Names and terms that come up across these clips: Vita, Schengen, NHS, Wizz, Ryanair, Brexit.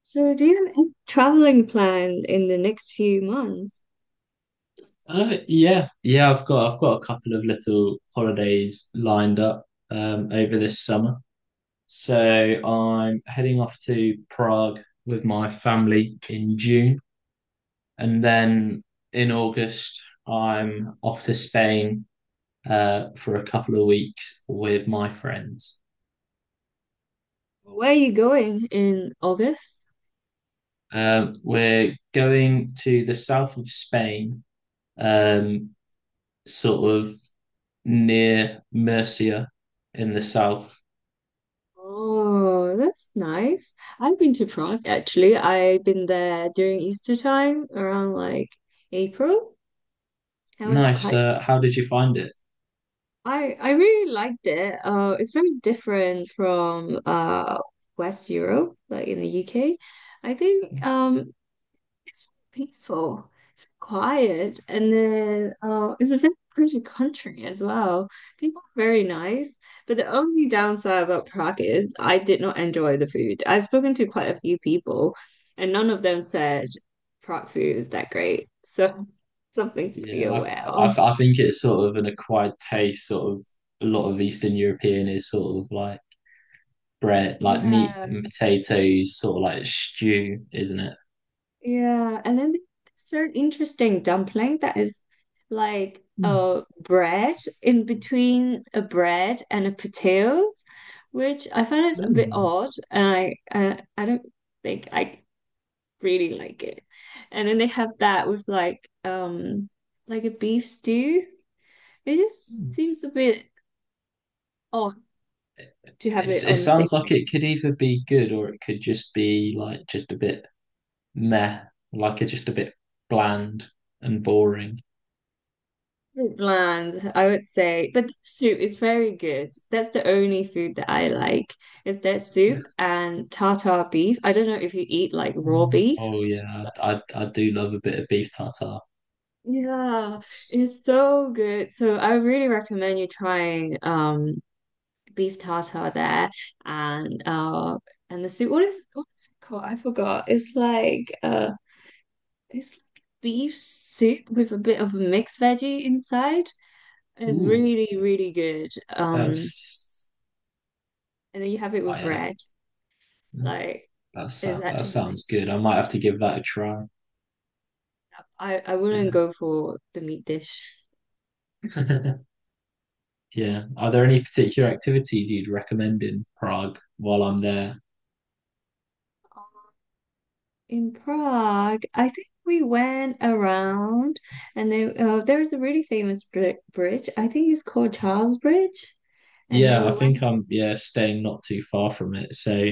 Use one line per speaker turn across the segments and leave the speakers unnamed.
So, do you have any traveling planned in the next few months?
Yeah, yeah, I've got a couple of little holidays lined up over this summer. So I'm heading off to Prague with my family in June, and then in August I'm off to Spain for a couple of weeks with my friends.
Where are you going in August?
We're going to the south of Spain, um, sort of near Murcia in the south.
Oh, that's nice. I've been to Prague actually. I've been there during Easter time around like April. That was
Nice.
quite
How did you find it?
I really liked it. It's very different from West Europe, like in the UK. I think it's peaceful. It's quiet. And then it's a very pretty country as well. People are very nice. But the only downside about Prague is I did not enjoy the food. I've spoken to quite a few people, and none of them said Prague food is that great. So something to be
Yeah,
aware
I,
of.
I, I think it's sort of an acquired taste. Sort of a lot of Eastern European is sort of like bread, like meat
Yeah.
and potatoes, sort of like stew, isn't it?
Yeah, and then it's very interesting dumpling that is like
Mm,
a bread in between a bread and a potato, which I find is a bit
mm,
odd, and I don't think I really like it. And then they have that with like a beef stew. It just
mm.
seems a bit odd to have it
It
on the same
sounds like
thing.
it could either be good, or it could just be like just a bit meh, like it's just a bit bland and boring.
Bland, I would say. But the soup is very good. That's the only food that I like is that
Yeah.
soup and tartar beef. I don't know if you eat like raw
Mm.
beef.
Oh yeah, I do love a bit of beef tartare.
Yeah,
It's,
it's so good. So I really recommend you trying beef tartar there and uh and the soup. What's it called? I forgot. It's like beef soup with a bit of mixed veggie inside. It's
Ooh,
really, really good.
that's
And then you have it with
I
bread. Like
That
it's
sound that
actually
sounds
amazing.
good. I might have to give that a try.
I wouldn't go for the meat dish.
Yeah. Yeah. Are there any particular activities you'd recommend in Prague while I'm there?
In Prague, I think we went around, and then there is a really famous bridge. I think it's called Charles Bridge. And then
Yeah,
we
I think
went
I'm, yeah, staying not too far from it. So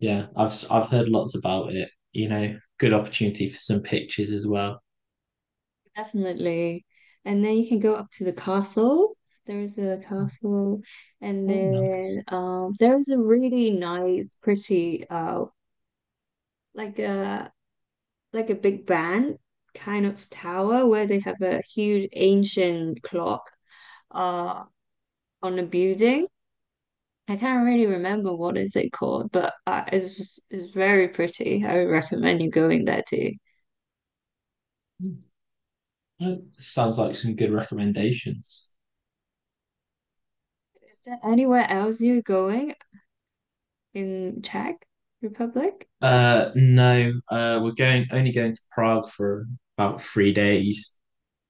yeah, I've heard lots about it. You know, good opportunity for some pictures as well.
definitely, and then you can go up to the castle. There is a castle, and
Oh no.
then there is a really nice, pretty like a. like a big band kind of tower where they have a huge ancient clock uh on a building. I can't really remember what is it called, but it's very pretty. I would recommend you going there too.
Mm. Sounds like some good recommendations.
Is there anywhere else you're going in Czech Republic?
No, we're going only going to Prague for about 3 days.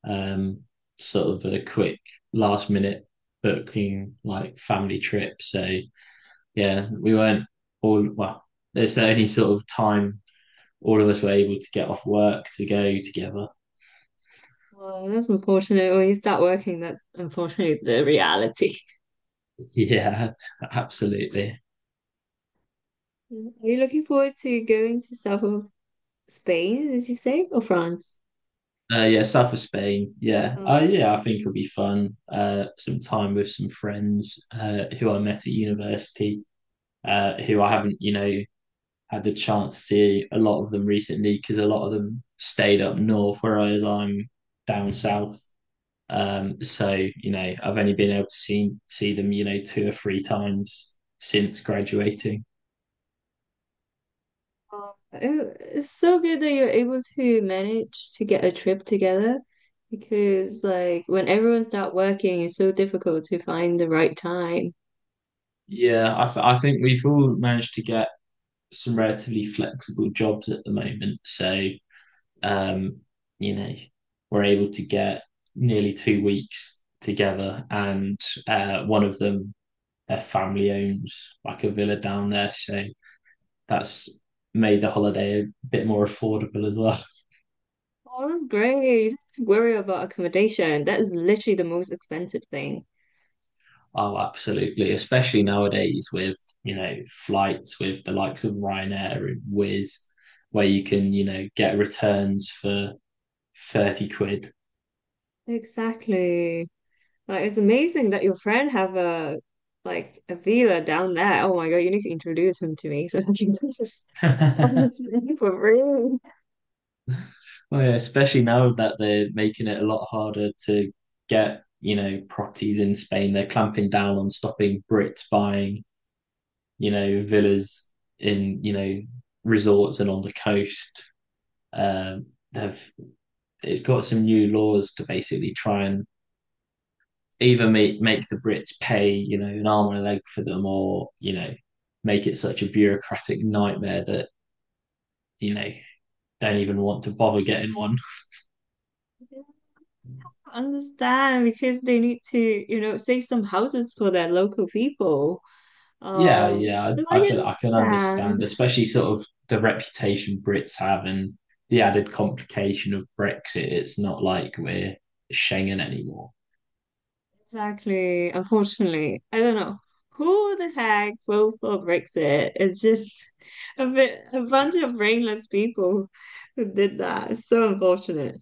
um, Sort of a quick last minute booking, like family trip. So yeah, we weren't all well. There's the only sort of time all of us were able to get off work to go together.
Well, that's unfortunate. When you start working, that's unfortunately the reality.
Yeah, absolutely.
Are you looking forward to going to south of Spain, did you say, or France?
Yeah, south of Spain. Yeah,
Uh,
yeah, I think it'll be fun. Some time with some friends who I met at university, who I haven't, had the chance to see a lot of them recently, because a lot of them stayed up north, whereas I'm down south. So I've only been able to see them, two or three times since graduating.
Oh, It's so good that you're able to manage to get a trip together because, like, when everyone's not working, it's so difficult to find the right time.
Yeah, I think we've all managed to get some relatively flexible jobs at the moment. So um, you know, we're able to get nearly 2 weeks together, and one of them, their family owns like a villa down there, so that's made the holiday a bit more affordable as well.
Oh, that's great. You don't have to worry about accommodation. That is literally the most expensive thing.
Oh, absolutely. Especially nowadays with, flights with the likes of Ryanair and Wizz, where you can, get returns for 30 quid.
Exactly. Like, it's amazing that your friend have a like a villa down there. Oh my God, you need to introduce him to me so I can just sell
Well,
this thing for free.
yeah, especially now that they're making it a lot harder to get, properties in Spain. They're clamping down on stopping Brits buying, villas in, resorts and on the coast. Um, they've It's got some new laws to basically try and either make the Brits pay, an arm and a leg for them, or make it such a bureaucratic nightmare that you know don't even want to bother getting one.
Understand because they need to, you know, save some houses for their local people.
Yeah, yeah,
So I can
I can understand,
understand.
especially sort of the reputation Brits have and the added complication of Brexit. It's not like we're Schengen anymore.
Exactly. Unfortunately, I don't know who the heck voted for Brexit. It's just a bit, a bunch of brainless people who did that. It's so unfortunate.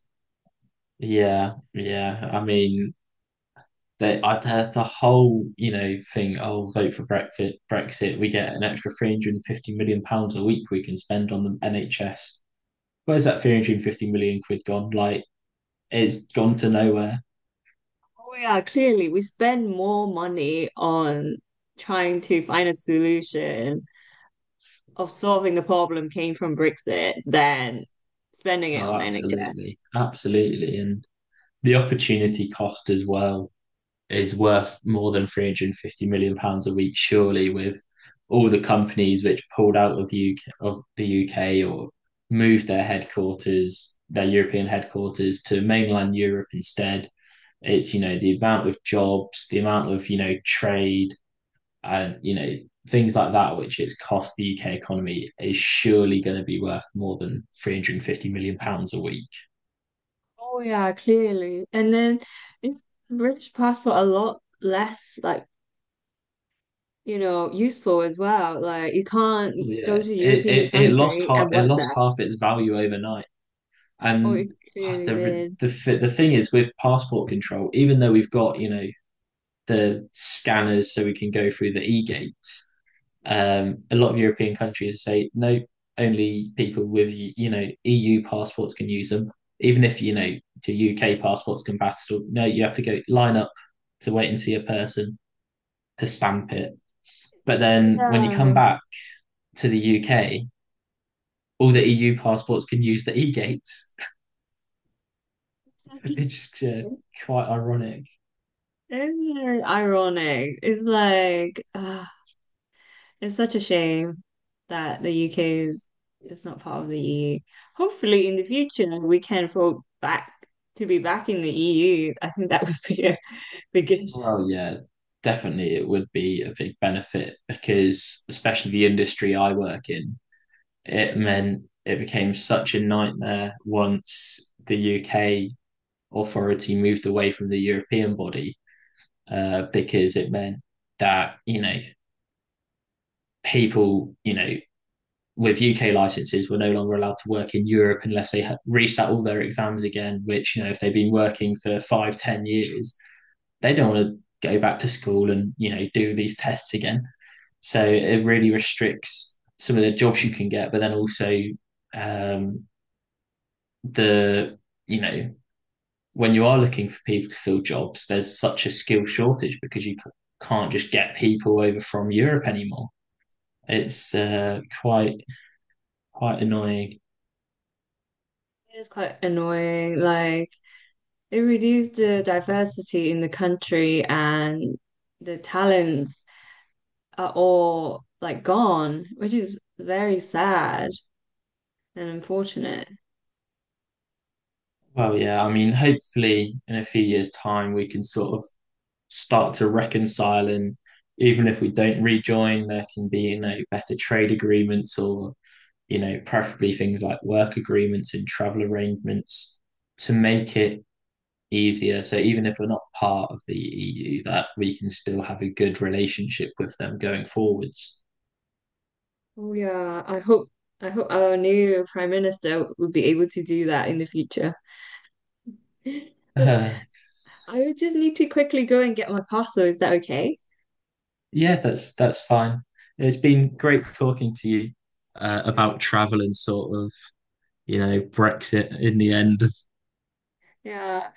Yeah, yeah. I mean, I've had the whole, thing. Oh, vote for Brexit. Brexit. We get an extra £350 million a week we can spend on the NHS. Where's that 350 million quid gone? Like, it's gone to nowhere.
Oh yeah, clearly we spend more money on trying to find a solution of solving the problem came from Brexit than spending it
Oh,
on NHS.
absolutely, absolutely, and the opportunity cost as well is worth more than £350 million a week, surely, with all the companies which pulled out of the UK, or moved their headquarters, their European headquarters, to mainland Europe instead. It's, the amount of jobs, the amount of, trade and, things like that, which it's cost the UK economy, is surely going to be worth more than 350 million pounds a week.
Oh yeah, clearly. And then in British passport, a lot less like you know, useful as well. Like you can't go
Yeah,
to a
it,
European
it, it lost
country
half
and
it
work
lost
there.
half its value overnight.
Oh, it
And ah,
clearly
the
did.
the the thing is with passport control, even though we've got the scanners so we can go through the e gates, a lot of European countries say no, only people with EU passports can use them. Even if your UK passport's compatible, no, you have to go line up to wait and see a person to stamp it. But then when you come
Yeah.
back to the UK, all the EU passports can use the e gates.
Exactly.
It's just quite ironic.
It's very ironic. It's like it's such a shame that the UK is is not part of the EU. Hopefully in the future we can vote back to be back in the EU. I think that would be a big issue.
Well, yeah, definitely it would be a big benefit, because, especially the industry I work in, it meant it became such a nightmare once the UK authority moved away from the European body, because it meant that, people, with UK licenses were no longer allowed to work in Europe unless they had resat all their exams again, which, if they've been working for 5, 10 years, they don't want to go back to school and do these tests again. So it really restricts some of the jobs you can get, but then also um, the you know when you are looking for people to fill jobs, there's such a skill shortage, because you can't just get people over from Europe anymore. It's quite annoying.
It's quite annoying. Like it reduced the diversity in the country and the talents are all like gone, which is very sad and unfortunate.
Well, yeah, I mean, hopefully in a few years' time we can sort of start to reconcile, and even if we don't rejoin, there can be better trade agreements, or preferably things like work agreements and travel arrangements to make it easier, so even if we're not part of the EU, that we can still have a good relationship with them going forwards.
Oh yeah, I hope our new prime minister would be able to do that in the future. But
uh,
I would just need to quickly go and get my parcel. Is that okay?
yeah, that's fine. It's been great talking to you
'Cause,
about travel and sort of, Brexit, in the end.
yeah,